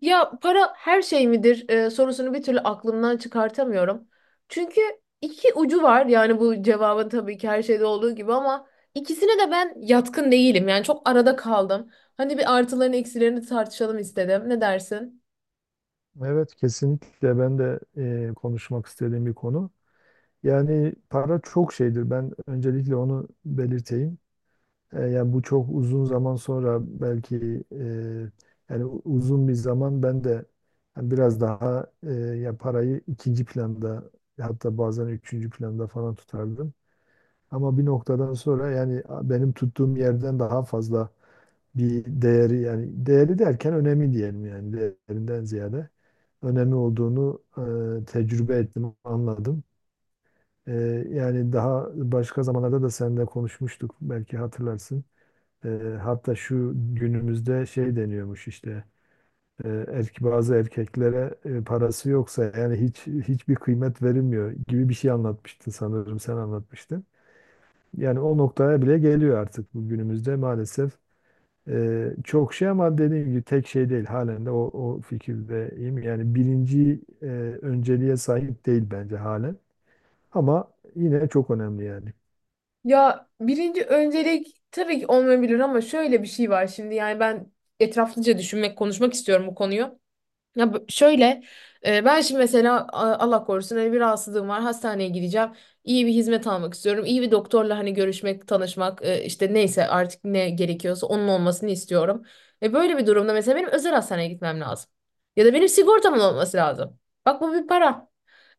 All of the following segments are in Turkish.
Ya para her şey midir sorusunu bir türlü aklımdan çıkartamıyorum. Çünkü iki ucu var yani bu cevabın tabii ki her şeyde olduğu gibi ama ikisine de ben yatkın değilim. Yani çok arada kaldım. Hani bir artılarını eksilerini tartışalım istedim. Ne dersin? Evet kesinlikle ben de konuşmak istediğim bir konu. Yani para çok şeydir. Ben öncelikle onu belirteyim. Yani bu çok uzun zaman sonra belki yani uzun bir zaman ben de yani biraz daha ya parayı ikinci planda hatta bazen üçüncü planda falan tutardım. Ama bir noktadan sonra benim tuttuğum yerden daha fazla bir değeri, yani değeri derken önemli diyelim, yani değerinden ziyade önemi olduğunu tecrübe ettim, anladım. E, Yani daha başka zamanlarda da seninle konuşmuştuk, belki hatırlarsın. E, Hatta şu günümüzde şey deniyormuş işte, bazı erkeklere parası yoksa yani hiçbir kıymet verilmiyor gibi bir şey anlatmıştın, sanırım sen anlatmıştın. Yani o noktaya bile geliyor artık bu günümüzde maalesef. Çok şey ama dediğim gibi tek şey değil. Halen de o fikirdeyim. Yani birinci önceliğe sahip değil bence halen. Ama yine çok önemli yani. Ya birinci öncelik tabii ki olmayabilir ama şöyle bir şey var şimdi yani ben etraflıca düşünmek, konuşmak istiyorum bu konuyu. Ya b- şöyle Ben şimdi mesela, Allah korusun, hani bir rahatsızlığım var, hastaneye gideceğim. İyi bir hizmet almak istiyorum. İyi bir doktorla hani görüşmek, tanışmak, işte neyse artık ne gerekiyorsa onun olmasını istiyorum. E böyle bir durumda mesela benim özel hastaneye gitmem lazım. Ya da benim sigortamın olması lazım. Bak, bu bir para.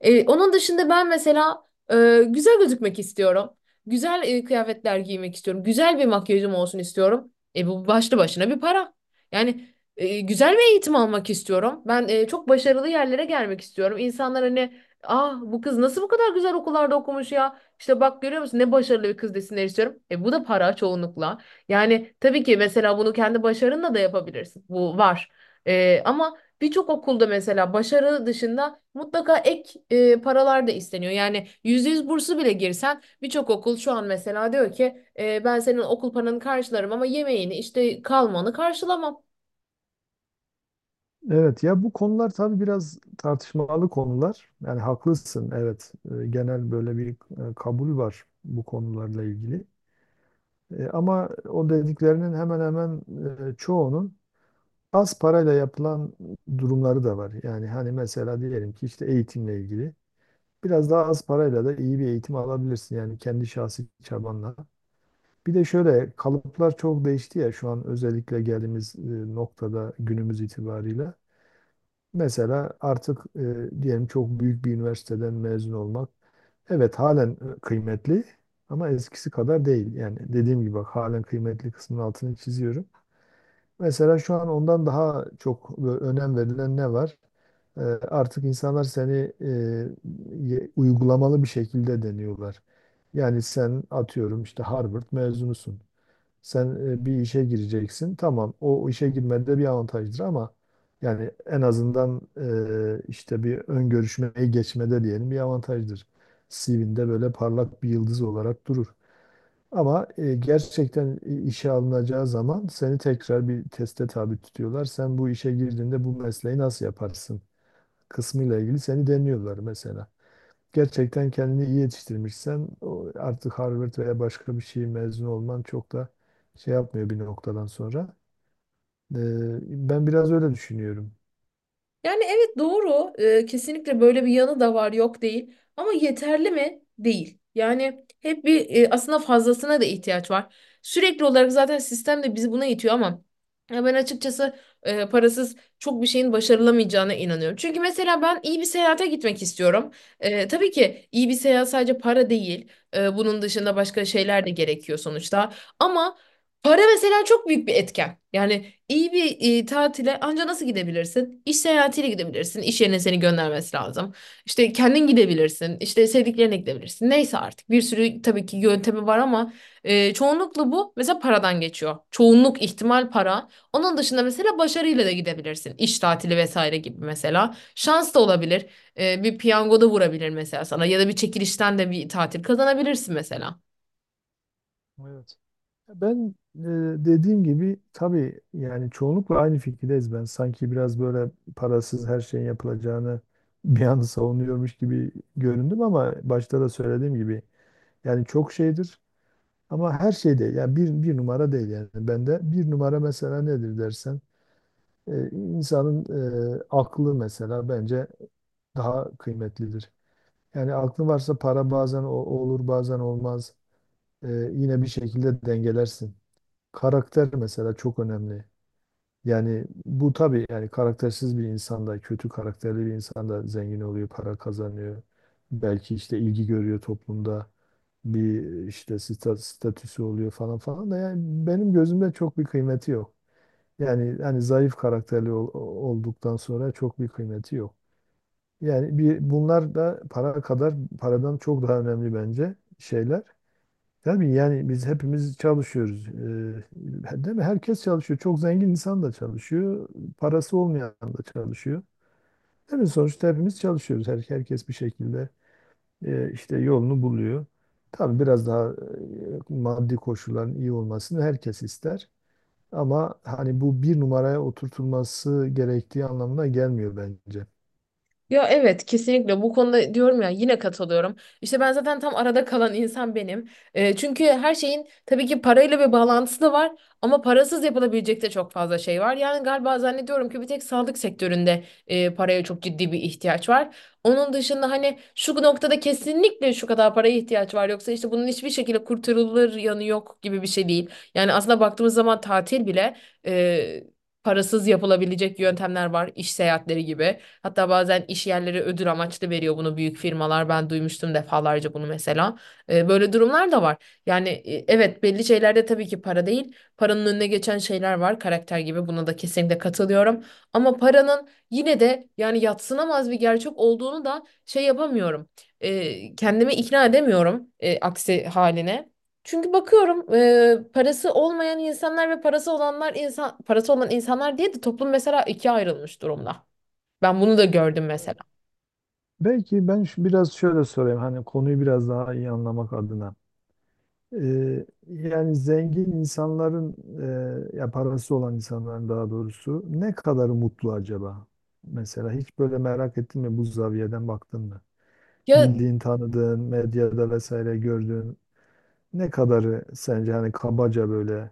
Onun dışında ben mesela güzel gözükmek istiyorum. Güzel kıyafetler giymek istiyorum. Güzel bir makyajım olsun istiyorum. E bu başlı başına bir para. Yani güzel bir eğitim almak istiyorum. Ben çok başarılı yerlere gelmek istiyorum. İnsanlar hani ah bu kız nasıl bu kadar güzel okullarda okumuş ya? İşte bak görüyor musun ne başarılı bir kız desinler istiyorum. E bu da para çoğunlukla. Yani tabii ki mesela bunu kendi başarınla da yapabilirsin. Bu var. E, ama birçok okulda mesela başarı dışında mutlaka ek paralar da isteniyor. Yani %100 bursu bile girsen birçok okul şu an mesela diyor ki ben senin okul paranı karşılarım ama yemeğini işte kalmanı karşılamam. Evet, ya bu konular tabii biraz tartışmalı konular. Yani haklısın, evet. Genel böyle bir kabul var bu konularla ilgili. Ama o dediklerinin hemen hemen çoğunun az parayla yapılan durumları da var. Yani hani mesela diyelim ki işte eğitimle ilgili. Biraz daha az parayla da iyi bir eğitim alabilirsin, yani kendi şahsi çabanla. Bir de şöyle kalıplar çok değişti ya şu an, özellikle geldiğimiz noktada günümüz itibariyle. Mesela artık diyelim çok büyük bir üniversiteden mezun olmak, evet halen kıymetli ama eskisi kadar değil. Yani dediğim gibi bak, halen kıymetli kısmının altını çiziyorum. Mesela şu an ondan daha çok böyle önem verilen ne var? Eee, Artık insanlar seni uygulamalı bir şekilde deniyorlar. Yani sen atıyorum işte Harvard mezunusun. Sen bir işe gireceksin. Tamam, o işe girmede bir avantajdır ama yani en azından, işte bir ön görüşmeyi geçmede diyelim bir avantajdır. CV'nde böyle parlak bir yıldız olarak durur. Ama gerçekten işe alınacağı zaman seni tekrar bir teste tabi tutuyorlar. Sen bu işe girdiğinde bu mesleği nasıl yaparsın kısmıyla ilgili seni deniyorlar mesela. Gerçekten kendini iyi yetiştirmişsen o artık Harvard veya başka bir şey mezun olman çok da şey yapmıyor bir noktadan sonra. E, Ben biraz öyle düşünüyorum. Yani evet doğru. Kesinlikle böyle bir yanı da var, yok değil. Ama yeterli mi? Değil. Yani hep bir aslında fazlasına da ihtiyaç var. Sürekli olarak zaten sistem de bizi buna itiyor ama ya ben açıkçası parasız çok bir şeyin başarılamayacağına inanıyorum. Çünkü mesela ben iyi bir seyahate gitmek istiyorum. E, tabii ki iyi bir seyahat sadece para değil. E, bunun dışında başka şeyler de gerekiyor sonuçta. Ama para mesela çok büyük bir etken. Yani İyi bir tatile anca nasıl gidebilirsin? İş seyahatiyle gidebilirsin. İş yerine seni göndermesi lazım. İşte kendin gidebilirsin. İşte sevdiklerine gidebilirsin. Neyse artık bir sürü tabii ki yöntemi var ama çoğunlukla bu mesela paradan geçiyor. Çoğunluk ihtimal para. Onun dışında mesela başarıyla da gidebilirsin. İş tatili vesaire gibi mesela. Şans da olabilir. E, bir piyango da vurabilir mesela sana ya da bir çekilişten de bir tatil kazanabilirsin mesela. Evet. Ben dediğim gibi tabii yani çoğunlukla aynı fikirdeyiz ben. Sanki biraz böyle parasız her şeyin yapılacağını bir an savunuyormuş gibi göründüm, ama başta da söylediğim gibi yani çok şeydir ama her şey değil. Yani bir numara değil yani. Bende bir numara mesela nedir dersen, insanın aklı mesela bence daha kıymetlidir. Yani aklın varsa para bazen olur bazen olmaz. Yine bir şekilde dengelersin. Karakter mesela çok önemli. Yani bu tabii yani karaktersiz bir insanda, kötü karakterli bir insanda zengin oluyor, para kazanıyor. Belki işte ilgi görüyor toplumda. Bir işte statüsü oluyor falan falan da yani benim gözümde çok bir kıymeti yok. Yani hani zayıf karakterli olduktan sonra çok bir kıymeti yok. Yani bir, bunlar da para kadar, paradan çok daha önemli bence şeyler. Tabii yani biz hepimiz çalışıyoruz. Değil mi? Herkes çalışıyor. Çok zengin insan da çalışıyor. Parası olmayan da çalışıyor. Değil mi? Sonuçta hepimiz çalışıyoruz. Herkes bir şekilde işte yolunu buluyor. Tabii biraz daha maddi koşulların iyi olmasını herkes ister. Ama hani bu bir numaraya oturtulması gerektiği anlamına gelmiyor bence. Ya evet, kesinlikle bu konuda diyorum ya, yine katılıyorum. İşte ben zaten tam arada kalan insan benim. E, çünkü her şeyin tabii ki parayla bir bağlantısı da var ama parasız yapılabilecek de çok fazla şey var. Yani galiba zannediyorum ki bir tek sağlık sektöründe paraya çok ciddi bir ihtiyaç var. Onun dışında hani şu noktada kesinlikle şu kadar paraya ihtiyaç var, yoksa işte bunun hiçbir şekilde kurtarılır yanı yok gibi bir şey değil. Yani aslında baktığımız zaman tatil bile e, parasız yapılabilecek yöntemler var, iş seyahatleri gibi. Hatta bazen iş yerleri ödül amaçlı veriyor bunu, büyük firmalar. Ben duymuştum defalarca bunu mesela. E, böyle durumlar da var. Yani evet belli şeylerde tabii ki para değil. Paranın önüne geçen şeyler var, karakter gibi. Buna da kesinlikle katılıyorum. Ama paranın yine de yani yadsınamaz bir gerçek olduğunu da şey yapamıyorum. E, kendimi ikna edemiyorum aksi haline. Çünkü bakıyorum parası olmayan insanlar ve parası olanlar insan parası olan insanlar diye de toplum mesela ikiye ayrılmış durumda. Ben bunu da gördüm Evet. mesela. Belki ben biraz şöyle sorayım, hani konuyu biraz daha iyi anlamak adına. Yani zengin insanların, ya parası olan insanların daha doğrusu, ne kadarı mutlu acaba? Mesela hiç böyle merak ettin mi, bu zaviyeden baktın mı? Ya Bildiğin, tanıdığın, medyada vesaire gördüğün ne kadarı sence, hani kabaca böyle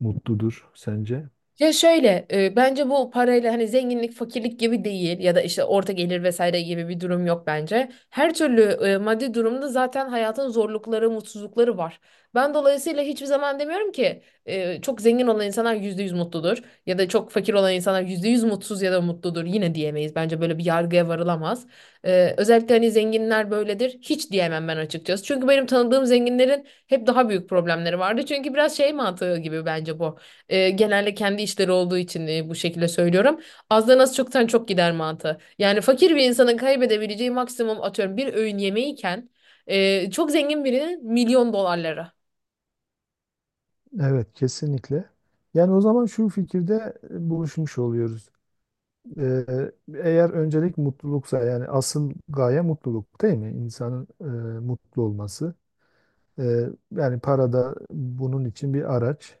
mutludur sence? Ya şöyle e, bence bu parayla hani zenginlik fakirlik gibi değil ya da işte orta gelir vesaire gibi bir durum yok bence. Her türlü maddi durumda zaten hayatın zorlukları, mutsuzlukları var. Ben dolayısıyla hiçbir zaman demiyorum ki çok zengin olan insanlar %100 mutludur ya da çok fakir olan insanlar %100 mutsuz ya da mutludur, yine diyemeyiz. Bence böyle bir yargıya varılamaz. E, özellikle hani zenginler böyledir hiç diyemem ben açıkçası. Çünkü benim tanıdığım zenginlerin hep daha büyük problemleri vardı. Çünkü biraz şey mantığı gibi bence bu. E, genelde kendi işleri olduğu için bu şekilde söylüyorum. Azdan az, çoktan çok gider mantığı. Yani fakir bir insanın kaybedebileceği maksimum atıyorum bir öğün yemeğiyken çok zengin birinin milyon dolarları. Evet, kesinlikle. Yani o zaman şu fikirde buluşmuş oluyoruz. Ee, Eğer öncelik mutluluksa, yani asıl gaye mutluluk değil mi? İnsanın mutlu olması. Ee, Yani para da bunun için bir araç.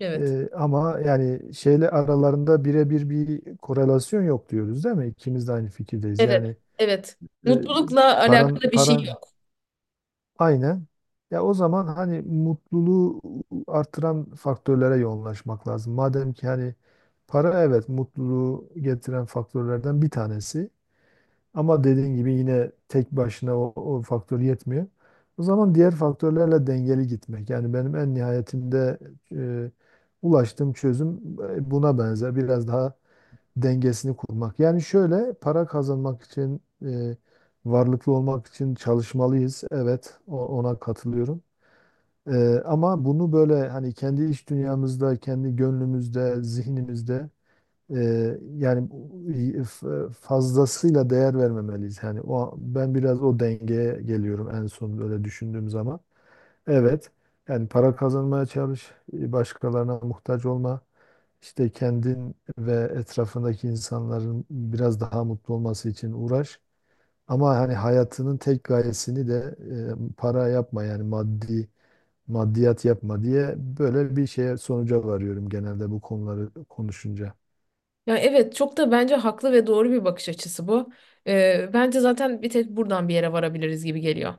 Evet. Ama yani şeyle aralarında birebir bir korelasyon yok diyoruz değil mi? İkimiz de aynı fikirdeyiz. Evet. Yani Evet. e, Mutlulukla alakalı bir şey paran yok. aynen. Ya o zaman hani mutluluğu artıran faktörlere yoğunlaşmak lazım. Madem ki hani para, evet, mutluluğu getiren faktörlerden bir tanesi. Ama dediğin gibi yine tek başına o faktör yetmiyor. O zaman diğer faktörlerle dengeli gitmek. Yani benim en nihayetinde e, ulaştığım çözüm buna benzer. Biraz daha dengesini kurmak. Yani şöyle, para kazanmak için, varlıklı olmak için çalışmalıyız. Evet, ona katılıyorum. Ama bunu böyle hani kendi iç dünyamızda, kendi gönlümüzde, zihnimizde yani fazlasıyla değer vermemeliyiz. Yani o, ben biraz o dengeye geliyorum en son böyle düşündüğüm zaman. Evet. Yani para kazanmaya çalış, başkalarına muhtaç olma. İşte kendin ve etrafındaki insanların biraz daha mutlu olması için uğraş. Ama hani hayatının tek gayesini de para yapma, yani maddiyat yapma diye, böyle bir şeye sonuca varıyorum genelde bu konuları konuşunca. Ya evet çok da bence haklı ve doğru bir bakış açısı bu. Bence zaten bir tek buradan bir yere varabiliriz gibi geliyor.